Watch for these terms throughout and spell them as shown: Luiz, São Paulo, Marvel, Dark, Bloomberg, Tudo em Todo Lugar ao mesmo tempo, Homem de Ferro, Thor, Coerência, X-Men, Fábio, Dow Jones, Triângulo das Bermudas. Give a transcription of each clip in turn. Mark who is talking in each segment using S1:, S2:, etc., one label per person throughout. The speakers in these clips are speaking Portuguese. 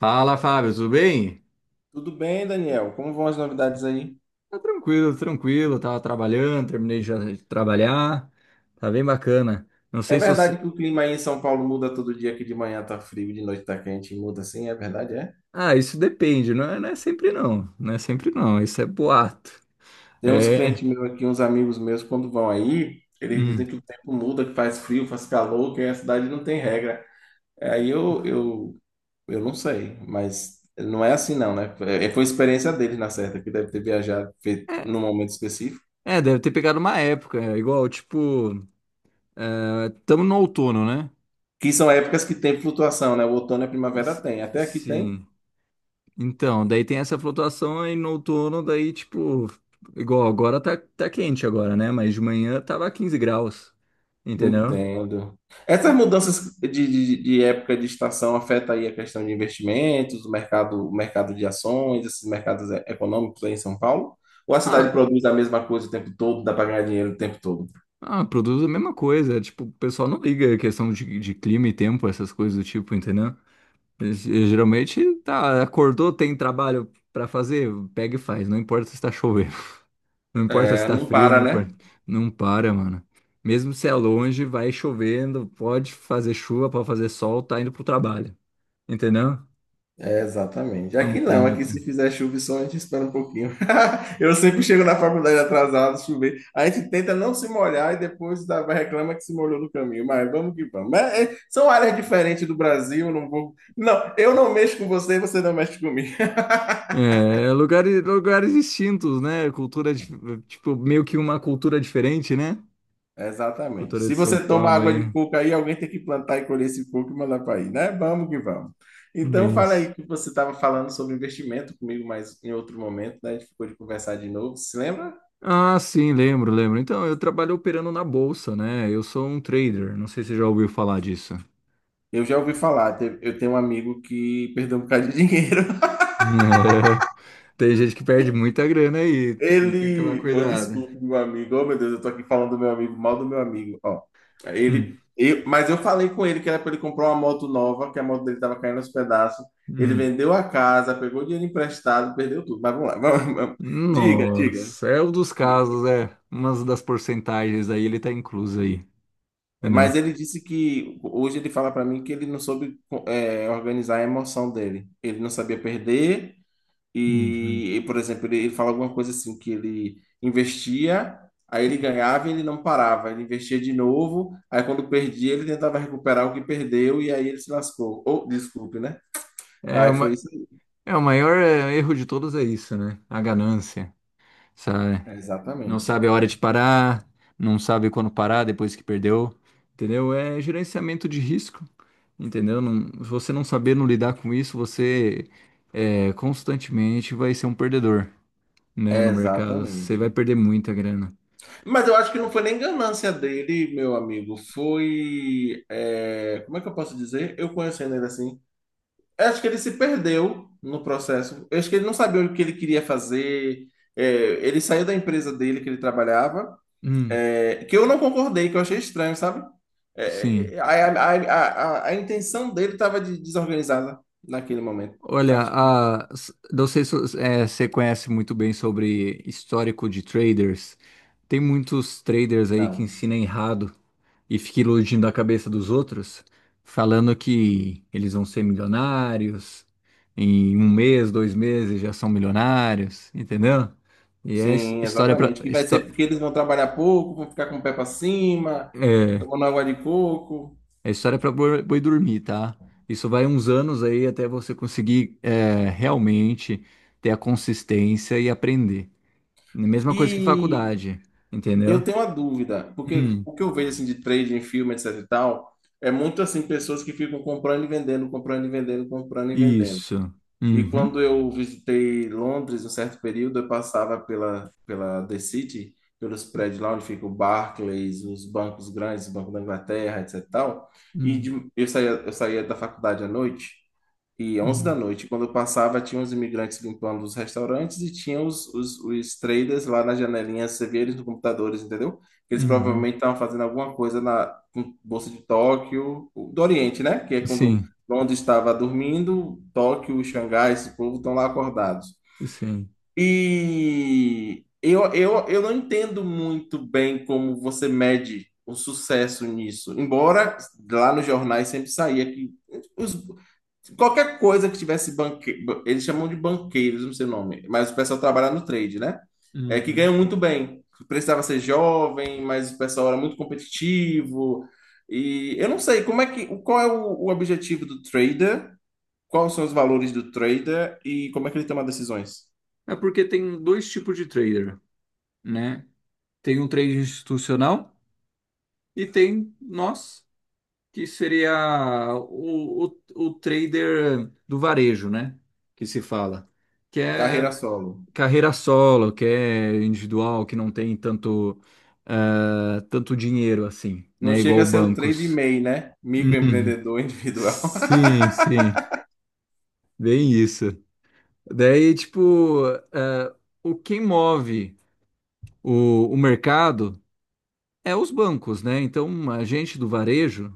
S1: Fala, Fábio, tudo bem?
S2: Tudo bem, Daniel? Como vão as novidades aí?
S1: Tá tranquilo, tranquilo. Tava trabalhando, terminei já de trabalhar. Tá bem bacana. Não
S2: É
S1: sei se você.
S2: verdade que o clima aí em São Paulo muda todo dia, que de manhã tá frio, de noite tá quente, muda assim, é verdade, é?
S1: Ah, isso depende, não é, não é sempre não. Não é sempre não, isso é boato.
S2: Tem uns
S1: É,
S2: clientes meus aqui, uns amigos meus, quando vão aí, eles dizem
S1: hum.
S2: que o tempo muda, que faz frio, faz calor, que a cidade não tem regra. É, aí eu não sei, mas não é assim não, né? Foi experiência deles, na certa, que deve ter viajado feito num momento específico,
S1: É, deve ter pegado uma época, é, igual, tipo, estamos no outono, né?
S2: que são épocas que tem flutuação, né? O outono e a primavera
S1: S-
S2: tem, até aqui tem.
S1: Sim. Então, daí tem essa flutuação aí no outono, daí, tipo, igual agora tá quente agora, né? Mas de manhã tava 15 graus, entendeu?
S2: Entendo. Essas mudanças de época de estação afeta aí a questão de investimentos, o mercado de ações, esses mercados econômicos aí em São Paulo? Ou a cidade produz a mesma coisa o tempo todo, dá para ganhar dinheiro o tempo todo?
S1: Ah, produz a mesma coisa. É, tipo, o pessoal não liga a questão de clima e tempo, essas coisas do tipo, entendeu? Geralmente, tá, acordou, tem trabalho pra fazer, pega e faz. Não importa se tá chovendo, não importa se
S2: É,
S1: tá
S2: não
S1: frio, não
S2: para, né?
S1: importa. Não para, mano. Mesmo se é longe, vai chovendo, pode fazer chuva, pode fazer sol, tá indo pro trabalho, entendeu?
S2: É, exatamente.
S1: Não
S2: Aqui não,
S1: tem
S2: aqui
S1: outra.
S2: se fizer chuva e sol, a gente espera um pouquinho. Eu sempre chego na faculdade atrasado, chover. A gente tenta não se molhar e depois vai reclama que se molhou no caminho. Mas vamos que vamos. Mas, é, são áreas diferentes do Brasil, não vou. Não, eu não mexo com você, você não mexe comigo.
S1: É, lugares, lugares distintos, né? Tipo, meio que uma cultura diferente, né?
S2: Exatamente.
S1: Cultura
S2: Se
S1: de São
S2: você toma
S1: Paulo
S2: água
S1: aí.
S2: de coco aí, alguém tem que plantar e colher esse coco e mandar para aí, né? Vamos que vamos. Então, fala
S1: Luiz.
S2: aí que você estava falando sobre investimento comigo, mas em outro momento, né? A gente ficou de conversar de novo. Se lembra?
S1: Ah, sim, lembro, lembro. Então, eu trabalho operando na bolsa, né? Eu sou um trader. Não sei se você já ouviu falar disso.
S2: Eu já ouvi falar, eu tenho um amigo que perdeu um bocado de dinheiro.
S1: É. Tem gente que perde muita grana aí e tem que tomar
S2: Ele, ou
S1: cuidado.
S2: desculpe, meu amigo, oh meu Deus, eu tô aqui falando do meu amigo, mal do meu amigo, ó.
S1: Hum,
S2: Mas eu falei com ele que era para ele comprar uma moto nova, que a moto dele tava caindo aos pedaços. Ele
S1: hum.
S2: vendeu a casa, pegou dinheiro emprestado, perdeu tudo. Mas vamos lá, vamos, vamos. Diga, diga.
S1: Nossa, é um dos casos, é. Uma das porcentagens aí, ele tá incluso aí, né?
S2: Mas ele disse que hoje ele fala para mim que ele não soube, organizar a emoção dele. Ele não sabia perder.
S1: Uhum.
S2: E por exemplo, ele fala alguma coisa assim, que ele investia, aí ele ganhava e ele não parava. Ele investia de novo, aí quando perdia, ele tentava recuperar o que perdeu e aí ele se lascou. Ou, desculpe, né?
S1: É,
S2: Aí foi
S1: uma,
S2: isso aí.
S1: é o maior é, erro de todos é isso, né? A ganância, sabe?
S2: É,
S1: Não
S2: exatamente.
S1: sabe a hora de parar, não sabe quando parar depois que perdeu, entendeu? É gerenciamento de risco, entendeu? Não, se você não saber não lidar com isso, você é, constantemente vai ser um perdedor, né,
S2: É,
S1: no mercado. Você vai
S2: exatamente.
S1: perder muita grana.
S2: Mas eu acho que não foi nem ganância dele, meu amigo. Foi. É, como é que eu posso dizer? Eu conhecendo ele assim. Eu acho que ele se perdeu no processo. Eu acho que ele não sabia o que ele queria fazer. É, ele saiu da empresa dele que ele trabalhava,
S1: Hum,
S2: é, que eu não concordei, que eu achei estranho, sabe? É,
S1: sim.
S2: é, a, a, a, a, a intenção dele estava de, desorganizada naquele momento.
S1: Olha,
S2: Acho que
S1: não sei se é, você conhece muito bem sobre histórico de traders. Tem muitos traders aí que
S2: não.
S1: ensinam errado e fica iludindo a cabeça dos outros, falando que eles vão ser milionários, em um mês, 2 meses já são milionários, entendeu? E é his-
S2: Sim,
S1: história pra,
S2: exatamente. Que vai ser
S1: histó
S2: porque eles vão trabalhar pouco, vão ficar com o pé para cima,
S1: é,
S2: tomando água de coco.
S1: é história pra boi dormir, tá? Isso vai uns anos aí até você conseguir é, realmente ter a consistência e aprender. Mesma coisa que
S2: E
S1: faculdade,
S2: eu
S1: entendeu?
S2: tenho uma dúvida, porque
S1: Hum,
S2: o que eu vejo assim de trading em filme, etc e tal, é muito assim pessoas que ficam comprando e vendendo, comprando e vendendo, comprando e vendendo.
S1: isso.
S2: E
S1: Uhum.
S2: quando eu visitei Londres um certo período, eu passava pela The City, pelos prédios lá onde fica o Barclays, os bancos grandes, o Banco da Inglaterra, etc e tal. E
S1: Hum,
S2: de- eu saía eu saía da faculdade à noite e onze da
S1: hum,
S2: noite, quando eu passava, tinha os imigrantes limpando os restaurantes e tinha os traders lá nas janelinhas, você via eles nos computadores, entendeu? Eles
S1: uhum.
S2: provavelmente estavam fazendo alguma coisa na com Bolsa de Tóquio, do Oriente, né? Que é quando
S1: Sim,
S2: Londres estava dormindo, Tóquio, Xangai, esse povo estão lá acordados.
S1: sim.
S2: E eu não entendo muito bem como você mede o sucesso nisso, embora lá nos jornais sempre saía que os Qualquer coisa que tivesse banque... ba- Eles chamam de banqueiros, não sei o nome, mas o pessoal trabalha no trade, né? É que
S1: Uhum.
S2: ganham muito bem. Precisava ser jovem, mas o pessoal era muito competitivo. E eu não sei como é que, qual é o objetivo do trader, quais são os valores do trader e como é que ele toma decisões.
S1: É porque tem dois tipos de trader, né? Tem um trader institucional e tem nós, que seria o, o, o trader do varejo, né? Que se fala. Que é
S2: Carreira solo.
S1: carreira solo, que é individual, que não tem tanto dinheiro assim,
S2: Não
S1: né?
S2: chega
S1: Igual
S2: a ser o trade
S1: bancos.
S2: MEI, né?
S1: Uhum.
S2: Microempreendedor individual.
S1: Sim, sim, bem isso. Daí, tipo, eh, o que move o mercado é os bancos, né? Então, a gente do varejo,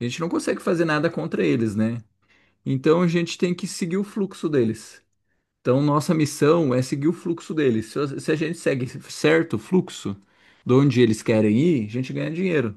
S1: a gente não consegue fazer nada contra eles, né? Então, a gente tem que seguir o fluxo deles. Então, nossa missão é seguir o fluxo deles. Se a gente segue certo o fluxo de onde eles querem ir, a gente ganha dinheiro.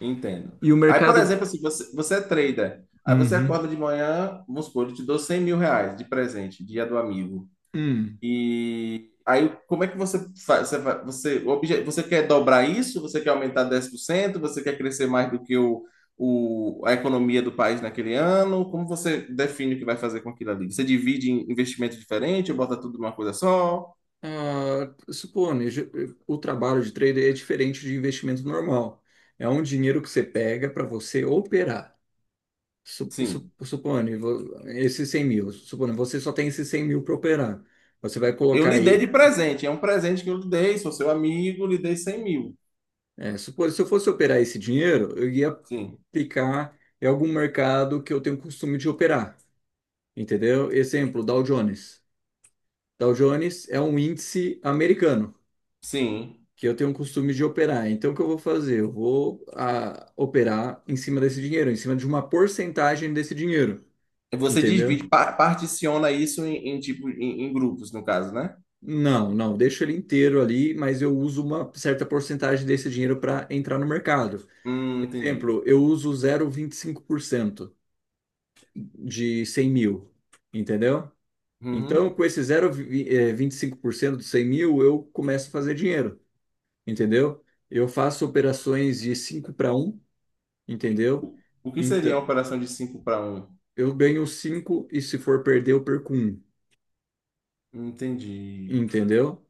S2: Entendo.
S1: E o
S2: Aí, por
S1: mercado.
S2: exemplo, assim, você é trader. Aí você
S1: Uhum.
S2: acorda de manhã, vamos supor, eu te dou R$ 100 mil de presente, dia do amigo.
S1: Hum.
S2: E aí, como é que você faz? Você, vai- você, o obje- você quer dobrar isso? Você quer aumentar 10%? Você quer crescer mais do que a economia do país naquele ano? Como você define o que vai fazer com aquilo ali? Você divide em investimento diferente ou bota tudo numa coisa só?
S1: Ah, supone, o trabalho de trader é diferente de investimento normal. É um dinheiro que você pega para você operar.
S2: Sim.
S1: Supone, esses 100 mil, supone, você só tem esses 100 mil para operar. Você vai
S2: Eu
S1: colocar
S2: lhe dei de
S1: aí,
S2: presente. É um presente que eu lhe dei. Sou seu amigo, lhe dei 100 mil.
S1: é, supone, se eu fosse operar esse dinheiro, eu ia
S2: Sim.
S1: aplicar em algum mercado que eu tenho costume de operar, entendeu? Exemplo, Dow Jones. Dow Jones é um índice americano
S2: Sim.
S1: que eu tenho costume de operar. Então, o que eu vou fazer? Eu vou operar em cima desse dinheiro, em cima de uma porcentagem desse dinheiro,
S2: Você
S1: entendeu?
S2: divide, particiona isso em tipo em grupos, no caso, né?
S1: Não, não, deixo ele inteiro ali, mas eu uso uma certa porcentagem desse dinheiro para entrar no mercado.
S2: Entendi.
S1: Exemplo, eu uso 0,25% de 100 mil, entendeu? Então,
S2: Uhum.
S1: com esse 0,25% de 100 mil, eu começo a fazer dinheiro, entendeu? Eu faço operações de 5 para um, entendeu?
S2: O que seria uma
S1: Então,
S2: operação de 5 para um?
S1: eu ganho 5 e se for perder, eu perco um,
S2: Entendi.
S1: entendeu?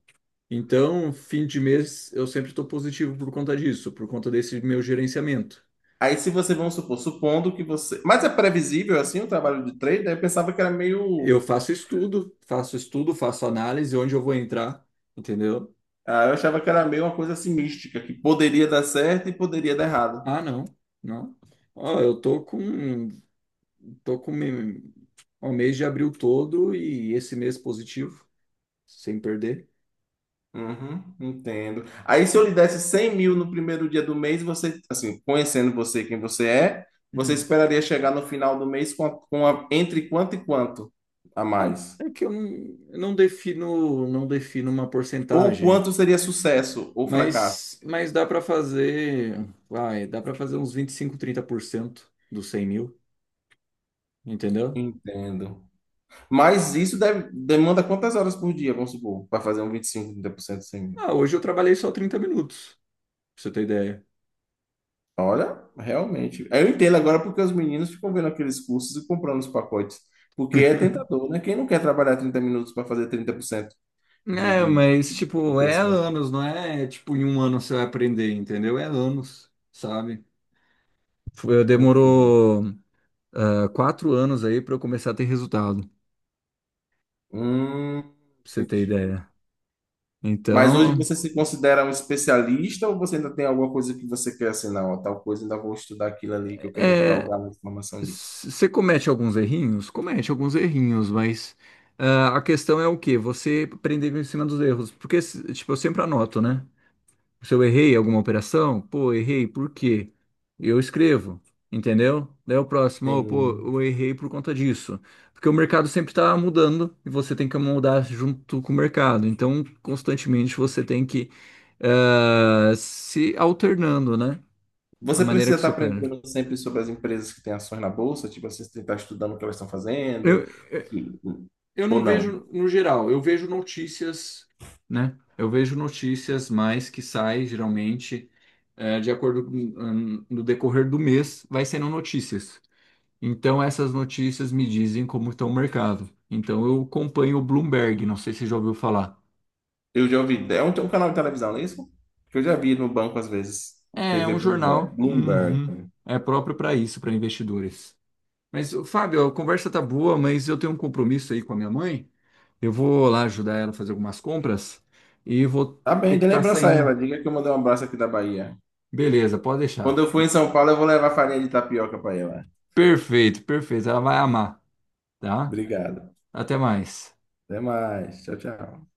S1: Então, fim de mês eu sempre estou positivo por conta disso, por conta desse meu gerenciamento.
S2: Aí, se você, vamos supor, supondo que você. Mas é previsível, assim, o trabalho de trader? Eu pensava que era meio.
S1: Eu faço estudo, faço estudo, faço análise onde eu vou entrar, entendeu?
S2: Eu achava que era meio uma coisa assim mística, que poderia dar certo e poderia dar errado.
S1: Ah, não, não. Ó, eu tô com me- o mês de abril todo e esse mês positivo, sem perder.
S2: Uhum, entendo. Aí, se eu lhe desse 100 mil no primeiro dia do mês, você, assim, conhecendo você, quem você é, você
S1: Hum.
S2: esperaria chegar no final do mês entre quanto e quanto a
S1: Ah,
S2: mais?
S1: é que eu não defino, não defino uma
S2: Ou
S1: porcentagem.
S2: quanto seria sucesso ou fracasso?
S1: Mas dá para fazer, vai, dá para fazer uns 25 30% dos 100 mil, entendeu?
S2: Entendo. Mas isso demanda quantas horas por dia, vamos supor, para fazer um 25, 30% de 100 mil?
S1: Ah, hoje eu trabalhei só 30 minutos, pra você ter ideia.
S2: Olha, realmente. Eu entendo agora porque os meninos ficam vendo aqueles cursos e comprando os pacotes. Porque é tentador, né? Quem não quer trabalhar 30 minutos para fazer 30% de,
S1: É,
S2: de,
S1: mas
S2: de
S1: tipo, é
S2: crescimento.
S1: anos, não é tipo em um ano você vai aprender, entendeu? É anos, sabe?
S2: Entendi.
S1: Demorou 4 anos aí para eu começar a ter resultado, pra
S2: Hum,
S1: você ter
S2: entendi.
S1: ideia.
S2: Mas hoje
S1: Então,
S2: você se considera um especialista ou você ainda tem alguma coisa que você quer assim, não, ó, tal coisa, ainda vou estudar aquilo ali que eu quero
S1: é,
S2: galgar uma informação nisso?
S1: você comete alguns errinhos? Comete alguns errinhos, mas a questão é o quê? Você aprender em cima dos erros. Porque, tipo, eu sempre anoto, né? Se eu errei alguma operação, pô, errei, por quê? Eu escrevo, entendeu? Daí o próximo, "Ô, pô,
S2: Sim.
S1: eu errei por conta disso." Porque o mercado sempre está mudando e você tem que mudar junto com o mercado. Então, constantemente você tem que se alternando, né? A
S2: Você
S1: maneira
S2: precisa
S1: que
S2: estar
S1: supera.
S2: aprendendo sempre sobre as empresas que têm ações na bolsa, tipo, assim, você tem que estar estudando o que elas estão fazendo, o que-
S1: Eu
S2: ou
S1: não
S2: não?
S1: vejo no geral, eu vejo notícias, né? Eu vejo notícias mais que saem geralmente de acordo com, no decorrer do mês, vai sendo notícias. Então essas notícias me dizem como está o mercado. Então eu acompanho o Bloomberg, não sei se você já ouviu falar.
S2: Eu já ouvi, é um canal de televisão, não é isso? Que eu já vi no banco às vezes,
S1: É
S2: TV
S1: um
S2: Bloomberg.
S1: jornal, uhum,
S2: Bloomberg.
S1: é próprio para isso, para investidores. Mas, ô, Fábio, a conversa tá boa, mas eu tenho um compromisso aí com a minha mãe. Eu vou lá ajudar ela a fazer algumas compras e vou
S2: Tá
S1: ter
S2: bem,
S1: que
S2: dê
S1: estar
S2: lembrança a
S1: saindo.
S2: ela. Diga que eu mandei um abraço aqui da Bahia.
S1: Beleza, pode
S2: Quando
S1: deixar.
S2: eu for em São Paulo, eu vou levar farinha de tapioca para ela.
S1: Perfeito, perfeito. Ela vai amar, tá?
S2: Obrigado.
S1: Até mais.
S2: Até mais. Tchau, tchau.